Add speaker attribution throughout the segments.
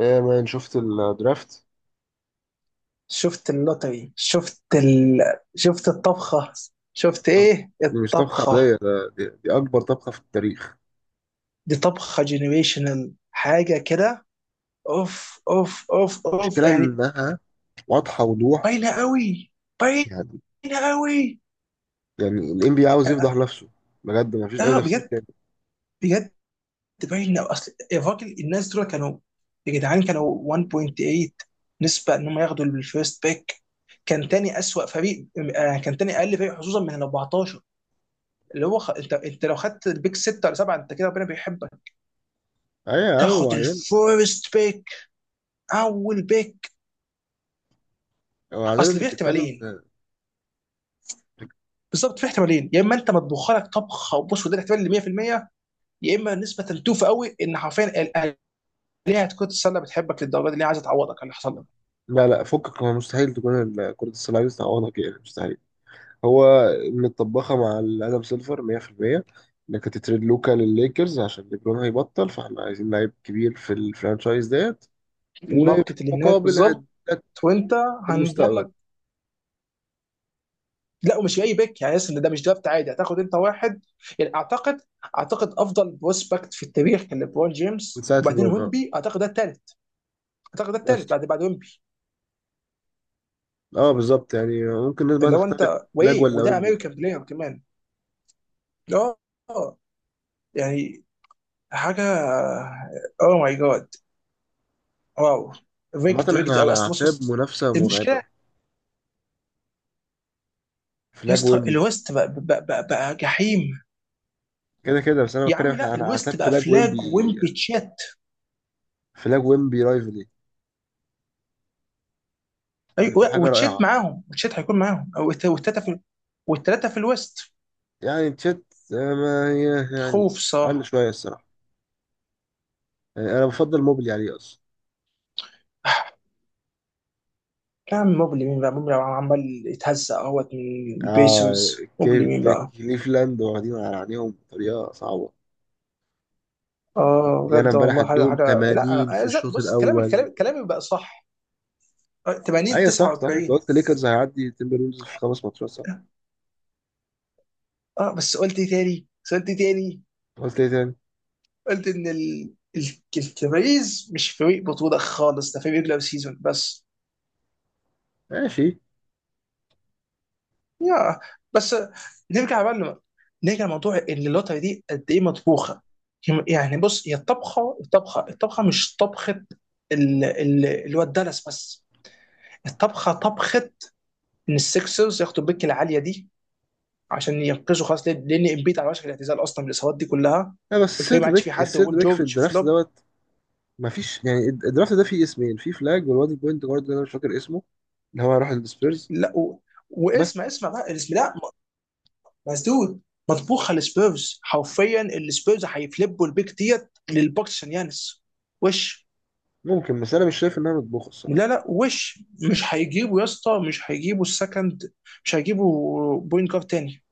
Speaker 1: ايه يا مان، شفت الدرافت؟
Speaker 2: شفت اللوتري، شفت شفت الطبخة. شفت
Speaker 1: طب،
Speaker 2: ايه
Speaker 1: دي مش طبخة
Speaker 2: الطبخة؟
Speaker 1: عادية، دي أكبر طبخة في التاريخ.
Speaker 2: دي طبخة جينيريشنال حاجة كده. اوف اوف اوف اوف
Speaker 1: المشكلة
Speaker 2: يعني.
Speaker 1: إنها واضحة وضوح.
Speaker 2: باينة قوي باينة
Speaker 1: يعني
Speaker 2: قوي
Speaker 1: يعني ال NBA عاوز
Speaker 2: اه،
Speaker 1: يفضح نفسه. بجد مفيش أي
Speaker 2: آه،
Speaker 1: تفسير
Speaker 2: بجد.
Speaker 1: تاني.
Speaker 2: بجد باينة. اصل الراجل، الناس دول كانوا يا جدعان كانوا 1.8 نسبة ان هم ياخدوا الفيرست بيك. كان تاني اسوأ فريق. آه، كان تاني اقل فريق حظوظا من ال 14. انت لو خدت البيك 6 ولا 7 انت كده ربنا بيحبك.
Speaker 1: أيوة يا عم،
Speaker 2: تاخد
Speaker 1: وبعدين؟
Speaker 2: الفيرست بيك، اول بيك. اصل
Speaker 1: أنت
Speaker 2: في
Speaker 1: بتتكلم
Speaker 2: احتمالين،
Speaker 1: في.
Speaker 2: بالظبط في احتمالين. يا اما انت مطبوخ لك طبخه، وبص وده الاحتمال اللي 100%، يا اما نسبه توفى قوي ان حرفيا الالهه تكون السله بتحبك للدرجه دي، اللي هي عايزه تعوضك على اللي حصل لك.
Speaker 1: لا لا، فكك، هو مستحيل تكون كرة السله دي تعوضها كده، مستحيل. هو متطبخة مع ال آدم سيلفر 100%، إنك هتتريد لوكا للليكرز عشان ليبرون هيبطل، فإحنا عايزين لعيب كبير في الفرانشايز ديت، وفي
Speaker 2: الماركت اللي هناك
Speaker 1: المقابل
Speaker 2: بالظبط.
Speaker 1: هديك
Speaker 2: وانت هنضمن
Speaker 1: المستقبل.
Speaker 2: لك. لا ومش اي بيك يعني، ان ده مش درافت عادي، هتاخد انت واحد. يعني اعتقد، اعتقد افضل بروسبكت في التاريخ كان ليبرون
Speaker 1: من
Speaker 2: جيمس
Speaker 1: ساعة
Speaker 2: وبعدين
Speaker 1: ليبرون، اه.
Speaker 2: ويمبي. اعتقد ده الثالث، اعتقد ده
Speaker 1: بس
Speaker 2: الثالث بعد ويمبي.
Speaker 1: اه، بالظبط. يعني ممكن الناس بقى
Speaker 2: اللي هو
Speaker 1: تختلف،
Speaker 2: انت
Speaker 1: فلاج
Speaker 2: وايه،
Speaker 1: ولا
Speaker 2: وده
Speaker 1: ويمبي.
Speaker 2: امريكان بلاير كمان. اه، آه. يعني حاجه، اوه ماي جاد، واو. رجت
Speaker 1: عامة
Speaker 2: رجت
Speaker 1: احنا على
Speaker 2: قوي. اصل بص
Speaker 1: أعتاب
Speaker 2: بص
Speaker 1: منافسة مرعبة،
Speaker 2: المشكله يا
Speaker 1: فلاج
Speaker 2: اسطى
Speaker 1: ويمبي.
Speaker 2: الويست بقى جحيم.
Speaker 1: كده كده، بس أنا
Speaker 2: يا
Speaker 1: بتكلم
Speaker 2: عم
Speaker 1: احنا
Speaker 2: لا،
Speaker 1: على
Speaker 2: الويست
Speaker 1: أعتاب
Speaker 2: بقى
Speaker 1: فلاج
Speaker 2: فلاج
Speaker 1: ويمبي،
Speaker 2: ويمب تشات.
Speaker 1: فلاج ويمبي رايفلي، يعني تبقى
Speaker 2: ايوه،
Speaker 1: حاجة
Speaker 2: وتشات
Speaker 1: رائعة.
Speaker 2: معاهم، وتشات هيكون معاهم، أو والتلاته في، والتلاته في الويست.
Speaker 1: يعني تشيت. آه، ما هي يعني
Speaker 2: خوف،
Speaker 1: أقل
Speaker 2: صح.
Speaker 1: شوية الصراحة. يعني أنا بفضل موبلي عليه أصلا.
Speaker 2: يا عم موبلي مين بقى؟ موبلي عمال يتهزق اهوت من
Speaker 1: آه.
Speaker 2: البيسرز، موبلي مين بقى؟
Speaker 1: كليفلاند واخدين على عينيهم بطريقة صعبة.
Speaker 2: اه
Speaker 1: دي أنا
Speaker 2: بجد
Speaker 1: امبارح
Speaker 2: والله حاجه
Speaker 1: ادهم
Speaker 2: حاجه. لا
Speaker 1: 80 في الشوط
Speaker 2: بص، كلامك
Speaker 1: الأول.
Speaker 2: كلام، كلامي بقى صح. اه 80
Speaker 1: ايوه صح صح، انت
Speaker 2: 49.
Speaker 1: قلت ليكرز هيعدي تيمبرولز في خمس ماتشات صح؟
Speaker 2: اه، بس قلت إيه تاني؟ بس قلت إيه تاني؟
Speaker 1: قلت ايه تاني؟
Speaker 2: قلت ان الكباريز مش فريق بطولة خالص، ده فريق ريجلر سيزون بس.
Speaker 1: ماشي.
Speaker 2: يا بس، نرجع بقى نرجع لموضوع ان اللوتري دي قد ايه مطبوخة. يعني بص، هي الطبخة، الطبخة، الطبخة مش طبخة اللي هو الدالاس بس. الطبخة طبخة ان السكسرز ياخدوا البيك العالية دي عشان ينقذوا خلاص، لأن امبيد على وشك الاعتزال اصلا بالاصابات دي كلها،
Speaker 1: لا بس
Speaker 2: والفريق ما
Speaker 1: السيرد
Speaker 2: عادش فيه
Speaker 1: باك،
Speaker 2: حد،
Speaker 1: السيرد
Speaker 2: وبول
Speaker 1: باك في
Speaker 2: جورج
Speaker 1: الدرافت
Speaker 2: فلوب.
Speaker 1: دوت. مفيش. يعني الدرافت ده فيه اسمين، في فلاج والواد البوينت جارد اللي انا مش فاكر اسمه، اللي هو راح السبيرز.
Speaker 2: لا و...
Speaker 1: بس
Speaker 2: واسمع، اسمع بقى الاسم ده، مسدود. مطبوخه للسبيرز، حرفيا السبيرز هيفلبوا البيك ديت للبوكس عشان يانس. وش،
Speaker 1: ممكن، بس انا مش شايف انها مطبوخه الصراحه.
Speaker 2: لا وش. مش هيجيبوا يا اسطى، مش هيجيبوا السكند، مش هيجيبوا بوينت جارد تاني.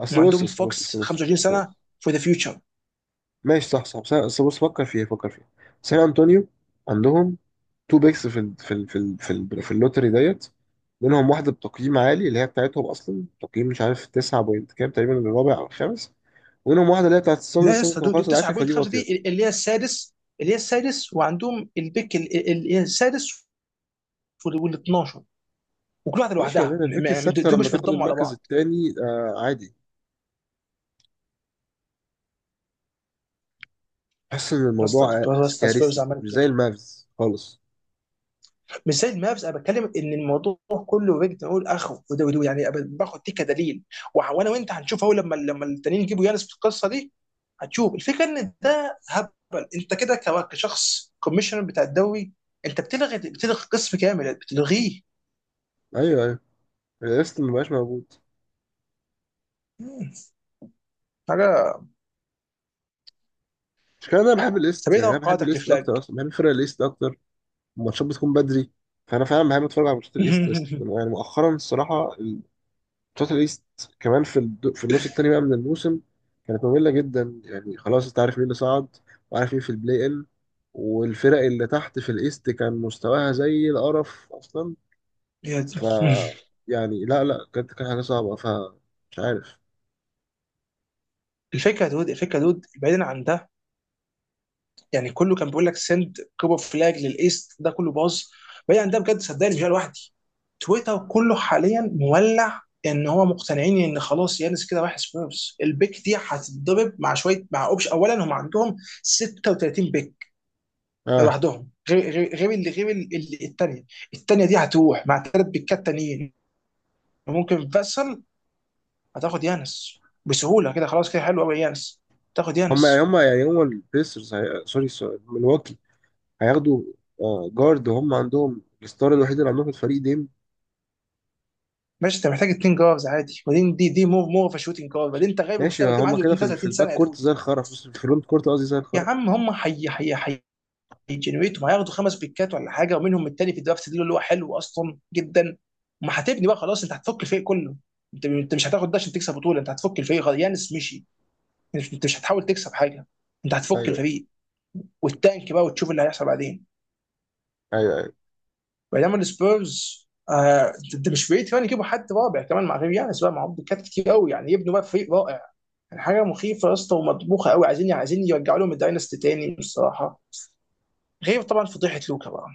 Speaker 1: اصل بص
Speaker 2: وعندهم
Speaker 1: اصل بص
Speaker 2: فوكس
Speaker 1: اصل بص اصل
Speaker 2: 25 سنه
Speaker 1: بص
Speaker 2: فور ذا فيوتشر.
Speaker 1: ماشي صح صح، بس اصل بص، فكر فيها، سان انطونيو عندهم تو بيكس في ال في ال في ال في, ال في اللوتري ديت. منهم واحده بتقييم عالي اللي هي بتاعتهم اصلا، تقييم مش عارف 9 بوينت كام، تقريبا الرابع او الخامس. ومنهم واحده اللي هي بتاعت السانز.
Speaker 2: لا يا اسطى،
Speaker 1: كانوا
Speaker 2: دول
Speaker 1: خلاص العاشر، فدي
Speaker 2: 9.5،
Speaker 1: واطيه.
Speaker 2: دي اللي هي السادس، اللي هي السادس، وعندهم البيك اللي هي السادس وال 12، وكل واحده
Speaker 1: ماشي يا
Speaker 2: لوحدها.
Speaker 1: مان، البيك السادسة
Speaker 2: دول
Speaker 1: لما
Speaker 2: مش
Speaker 1: تاخد
Speaker 2: بيتضموا على
Speaker 1: المركز
Speaker 2: بعض.
Speaker 1: التاني، آه عادي. حاسس ان
Speaker 2: يا اسطى،
Speaker 1: الموضوع آه،
Speaker 2: يا اسطى سبيرز
Speaker 1: كارثي
Speaker 2: عملت.
Speaker 1: مش زي المافز خالص.
Speaker 2: مش زي المابس، انا بتكلم ان الموضوع كله وجد نقول اخو، وده وده يعني أبقى باخد دي كدليل. وانا وانت هنشوف اهو، لما التانيين يجيبوا يانس في القصه دي هتشوف الفكره ان ده هبل. انت كده كشخص كوميشنر بتاع الدوري، انت بتلغي، بتلغي قسم كامل بتلغيه.
Speaker 1: ايوه ايوه. الايست مبقاش موجود،
Speaker 2: حاجه.
Speaker 1: مش كده. انا بحب
Speaker 2: طب
Speaker 1: الايست،
Speaker 2: ايه
Speaker 1: يعني انا بحب
Speaker 2: توقعاتك
Speaker 1: الايست
Speaker 2: لفلاج؟
Speaker 1: اكتر، اصلا بحب فرق الايست اكتر. الماتشات بتكون بدري، فانا فعلا بحب اتفرج على ماتشات الايست. بس يعني مؤخرا الصراحة، ماتشات الايست كمان في النص التاني بقى من الموسم كانت مملة جدا. يعني خلاص انت عارف مين اللي صعد وعارف مين في البلاي ان، والفرق اللي تحت في الايست كان مستواها زي القرف اصلا.
Speaker 2: يا دي.
Speaker 1: ف يعني لا لا، كانت، كانت حاجة صعبة. ف مش عارف.
Speaker 2: الفكره يا دود، الفكره يا دود بعيدا عن ده، يعني كله كان بيقول لك سند كوبر فلاج للايست، ده كله باظ. بعيد عن ده، بجد صدقني مش أنا لوحدي، تويتر كله حاليا مولع، ان هو مقتنعين ان خلاص يانس كده راح سبيرز، البيك دي هتتضرب مع شويه مع اوبش. اولا هم عندهم 36 بيك
Speaker 1: اه.
Speaker 2: لوحدهم، غير غير اللي، التانيه، التانيه دي هتروح مع ثلاث بيكات تانيين وممكن فاسل، هتاخد يانس بسهوله كده، خلاص كده حلو قوي يانس، تاخد
Speaker 1: هم
Speaker 2: يانس.
Speaker 1: هم يعني هم البيسرز، سوري سوري، ملواكي هياخدوا آه جارد، وهم عندهم الستار الوحيد اللي عندهم في الفريق ديم.
Speaker 2: ماشي، انت محتاج اتنين جارز عادي، وبعدين دي، دي مور اوف شوتنج جارد، بعدين انت غايب
Speaker 1: ماشي
Speaker 2: للمستقبل، دي
Speaker 1: هم
Speaker 2: عنده
Speaker 1: كده في
Speaker 2: 32
Speaker 1: الباك
Speaker 2: سنه يا
Speaker 1: كورت
Speaker 2: دود.
Speaker 1: زي الخرا، في الفرونت كورت قصدي زي
Speaker 2: يا
Speaker 1: الخرا.
Speaker 2: عم هم حي حي حي، هيجنريتوا، هياخدوا خمس بيكات ولا حاجه، ومنهم التاني في الدرافت دي اللي هو حلو اصلا جدا. ما هتبني بقى خلاص، انت هتفك الفريق كله. انت مش هتاخد ده عشان تكسب بطوله، انت هتفك الفريق، خلاص يانس مشي. انت مش هتحاول تكسب حاجه، انت هتفك
Speaker 1: ايوه
Speaker 2: الفريق، والتانك بقى، وتشوف اللي هيحصل بعدين.
Speaker 1: ايوه ايوه.
Speaker 2: بينما السبيرز آه، انت مش بعيد كمان يجيبوا حد رابع كمان مع غير يانس، بقى معاهم بيكات كتير قوي، يعني يبنوا بقى فريق رائع. يعني حاجه مخيفه يا اسطى، ومطبوخه قوي، عايزين يرجعوا لهم الدايناستي تاني الصراحه، غير طبعا فضيحه لوكا بقى.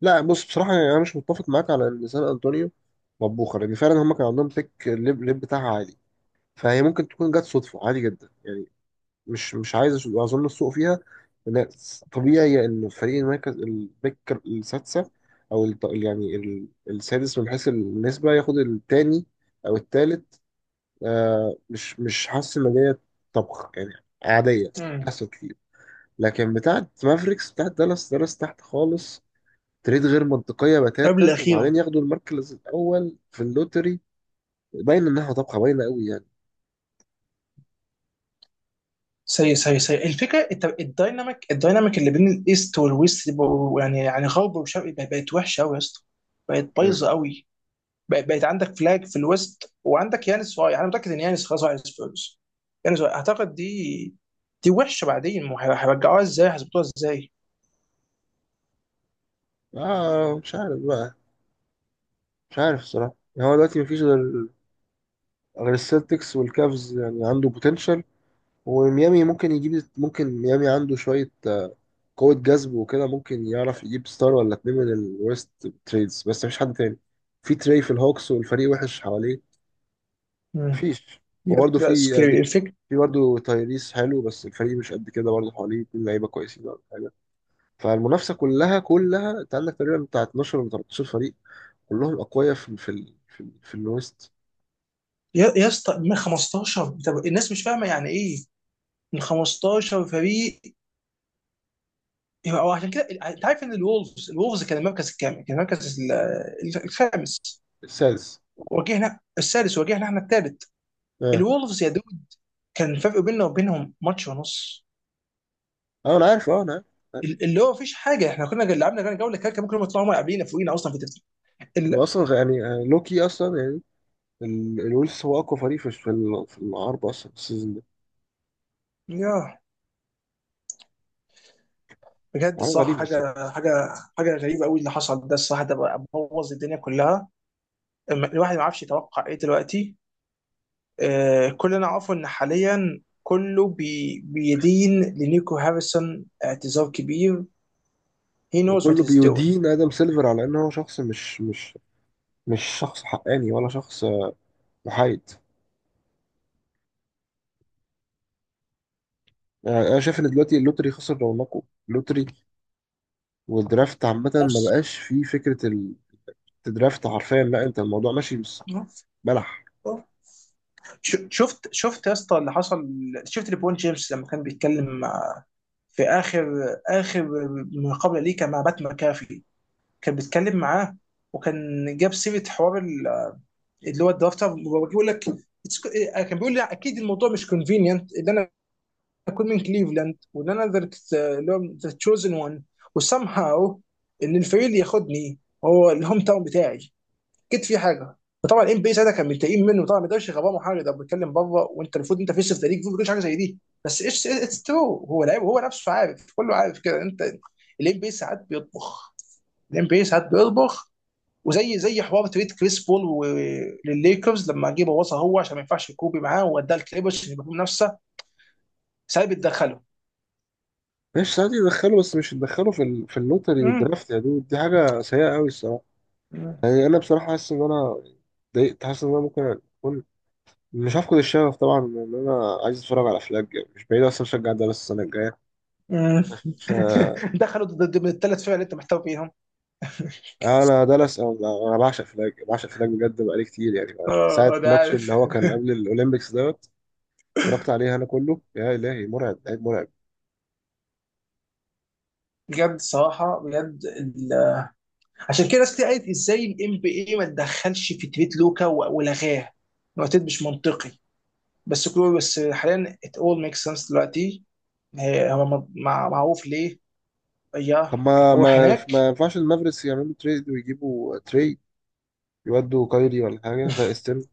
Speaker 1: لا بص، بصراحة يعني انا مش متفق معاك على ان سان انطونيو مطبوخة، لان فعلا هم كان عندهم بيك الليب، الليب بتاعها عالي، فهي ممكن تكون جت صدفة عادي جدا يعني. مش عايز اظن السوق فيها، لأن طبيعي ان فريق المركز، البيك السادسه، يعني السادس من حيث النسبه، ياخد التاني او التالت. آه مش، مش حاسس ان ديت طبخ يعني. عاديه،
Speaker 2: مم.
Speaker 1: حصل كتير. لكن بتاعت مافريكس، بتاعت دالاس، دالاس تحت خالص، تريد غير منطقيه
Speaker 2: قبل
Speaker 1: بتاتا،
Speaker 2: الاخيره.
Speaker 1: وبعدين ياخدوا المركز الاول في اللوتري. باين انها طبخه، باينه قوي يعني.
Speaker 2: سيء الفكره. انت الدايناميك، الدايناميك اللي بين الايست والويست دي يعني يعني غرب وشرق، بقت وحشه قوي يا اسطى، بقت
Speaker 1: مم.
Speaker 2: بايظه قوي. بقت عندك فلاج في الويست، وعندك يانس رايح، انا متاكد ان يانس خلاص رايح السبيرز. يانس رايح. اعتقد دي، دي وحشه. بعدين ما هيرجعوها ازاي؟ هيظبطوها ازاي؟
Speaker 1: اه مش عارف بقى، مش عارف الصراحه. هو دلوقتي مفيش غير السلتكس والكافز يعني عنده بوتنشال. وميامي ممكن يجيب. ممكن ميامي عنده شوية آه، قوة جذب وكده، ممكن يعرف يجيب ستار ولا اتنين من الويست تريدز. بس مفيش حد تاني في تري في الهوكس، والفريق وحش حواليه
Speaker 2: مم.
Speaker 1: مفيش.
Speaker 2: بجد
Speaker 1: وبرده
Speaker 2: لا،
Speaker 1: في
Speaker 2: سكيري
Speaker 1: يعني،
Speaker 2: الفكره.
Speaker 1: في برضه تايريس حلو، بس الفريق مش قد كده برضه، حواليه اتنين لعيبة كويسين ولا حاجة. فالمنافسة كلها انت عندك تقريبا بتاع 12 ولا 13 فريق كلهم أقوياء في ال في ال في, ال في الويست.
Speaker 2: يا اسطى من 15، طب الناس مش فاهمه يعني ايه من 15 فريق؟ او عشان كده، انت عارف ان الولفز، الولفز كان المركز الكام؟ كان المركز الخامس.
Speaker 1: السادس.
Speaker 2: واجهنا السادس، واجهنا احنا الثالث.
Speaker 1: اه
Speaker 2: الولفز يا دود، كان الفرق بيننا وبينهم ماتش ونص.
Speaker 1: اه انا عارف، اه انا عارف.
Speaker 2: اللي هو مفيش حاجه، احنا كنا لعبنا كان جوله كده، كان ممكن هم يطلعوا هم قبلينا، فوقينا اصلا في الترتيب.
Speaker 1: هو
Speaker 2: ال-
Speaker 1: اصلا يعني آه، لوكي اصلا يعني. الولف هو اقوى فريق في في العرب اصلا السيزون ده.
Speaker 2: يا بجد
Speaker 1: حاجه
Speaker 2: الصراحه،
Speaker 1: غريبه الصراحه.
Speaker 2: حاجه حاجه، حاجه غريبه قوي اللي حصل ده الصراحه، ده بوظ الدنيا كلها. الواحد ما عرفش يتوقع ايه دلوقتي. آه، كلنا عارفه ان حاليا كله بي بيدين لنيكو هاريسون اعتذار كبير. He knows what
Speaker 1: وكله
Speaker 2: he's doing.
Speaker 1: بيدين ادم سيلفر على ان هو شخص مش مش شخص حقاني ولا شخص آه، محايد. يعني انا شايف ان دلوقتي اللوتري خسر رونقه، اللوتري والدرافت عامه، ما بقاش فيه فكره الدرافت حرفيا. لا انت الموضوع ماشي، بس بلح.
Speaker 2: شفت، شفت يا اسطى اللي حصل. شفت ليبرون جيمس لما كان بيتكلم مع، في اخر، اخر مقابله ليه، كان مع بات مكافي، كان بيتكلم معاه، وكان جاب سيره حوار اللي هو الدرافت، بيقول لك: "It's- كان بيقول لي اكيد الموضوع مش كونفينينت اللي انا اكون من كليفلاند، وان انا ذا، اللي هو ذا تشوزن وان، وسام هاو ان الفريق اللي ياخدني هو الهوم تاون بتاعي، اكيد في حاجه." فطبعا الام بي ساعتها كان متضايقين منه طبعا، ما يقدرش يغباه حاجه، ده بيتكلم بره، وانت المفروض انت فيس اوف ذا ليج، المفروض ما تقولش حاجه زي دي. بس ايش اتس ترو، هو لعيب، هو نفسه عارف، كله عارف كده. انت الام بي ساعات بيطبخ، الام بي ساعات بيطبخ. وزي حوار تريد كريس بول للليكرز لما جه بوظها هو عشان ما ينفعش كوبي معاه، ووداه الكليبرز عشان يبقى في منافسه. ساعات بيتدخلوا.
Speaker 1: ماشي ساعات يدخله، بس مش يدخله في في اللوتري والدرافت يا دود، دي حاجه سيئه قوي الصراحه.
Speaker 2: مم.
Speaker 1: يعني انا بصراحه حاسس ان انا ضايقت. حاسس ان انا ممكن اكون، مش هفقد الشغف طبعا، ان انا عايز اتفرج على افلام، يعني مش بعيد اصلا اشجع دالاس السنه الجايه.
Speaker 2: مم.
Speaker 1: بس آه،
Speaker 2: دخلوا بالثلاث فرق اللي انت محتوى فيهم.
Speaker 1: انا دالاس، انا أنا بعشق فلاج، بعشق فلاج بجد، بقالي كتير يعني. ساعه
Speaker 2: اه ده
Speaker 1: ماتش
Speaker 2: عارف.
Speaker 1: اللي هو كان قبل الاولمبيكس دوت، اتفرجت عليه، انا كله يا الهي، مرعب، لعيب مرعب.
Speaker 2: بجد صراحه، بجد عشان كده ناس كتير قالت ازاي الام بي اي ما تدخلش في تريت لوكا ولغاه الوقتين، مش منطقي. بس كله، بس حاليا it all makes sense دلوقتي. معروف ليه. يا
Speaker 1: طب
Speaker 2: روح هناك.
Speaker 1: ما ينفعش المافريكس يعملوا تريد ويجيبوا تري، يودوا كايري ولا حاجه فاستن؟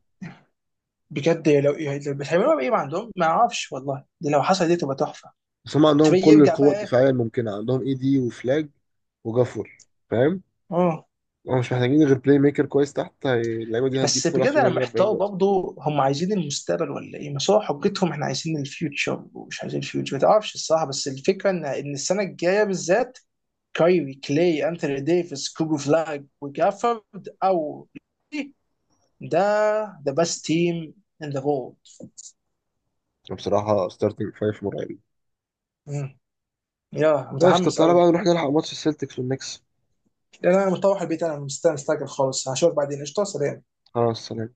Speaker 2: بجد لو بس هيعملوها بايه؟ ما عندهم، ما اعرفش والله، دي لو حصل دي تبقى تحفه.
Speaker 1: بس هم عندهم
Speaker 2: تبي
Speaker 1: كل
Speaker 2: يرجع
Speaker 1: القوه
Speaker 2: بقى إيه؟
Speaker 1: الدفاعيه الممكنه، عندهم اي دي وفلاج وجافور، فاهم.
Speaker 2: اه.
Speaker 1: هم مش محتاجين غير بلاي ميكر كويس تحت. اللعيبه دي هتجيب،
Speaker 2: بس
Speaker 1: كل
Speaker 2: بجد
Speaker 1: واحد فيهم
Speaker 2: انا
Speaker 1: هيجيب
Speaker 2: محتار
Speaker 1: 40.
Speaker 2: برضه، هم عايزين المستقبل ولا ايه؟ بس هو حجتهم احنا عايزين الفيوتشر ومش عايزين الفيوتشر، ما تعرفش الصراحه. بس الفكره ان ان السنه الجايه بالذات كايري، كلاي، انثوني ديفيس، كوبو فلاج، وجافورد، او ده ذا بيست تيم ان ذا وورلد.
Speaker 1: بصراحة ستارتنج فايف مرعب.
Speaker 2: يا
Speaker 1: ماشي، طب
Speaker 2: متحمس
Speaker 1: تعالى بقى
Speaker 2: قوي.
Speaker 1: نروح نلحق ماتش السلتكس والنكس.
Speaker 2: لان انا مطوح البيت، انا مستني، مستعجل خالص، هشوفك بعدين، قشطه سلام.
Speaker 1: خلاص سلام.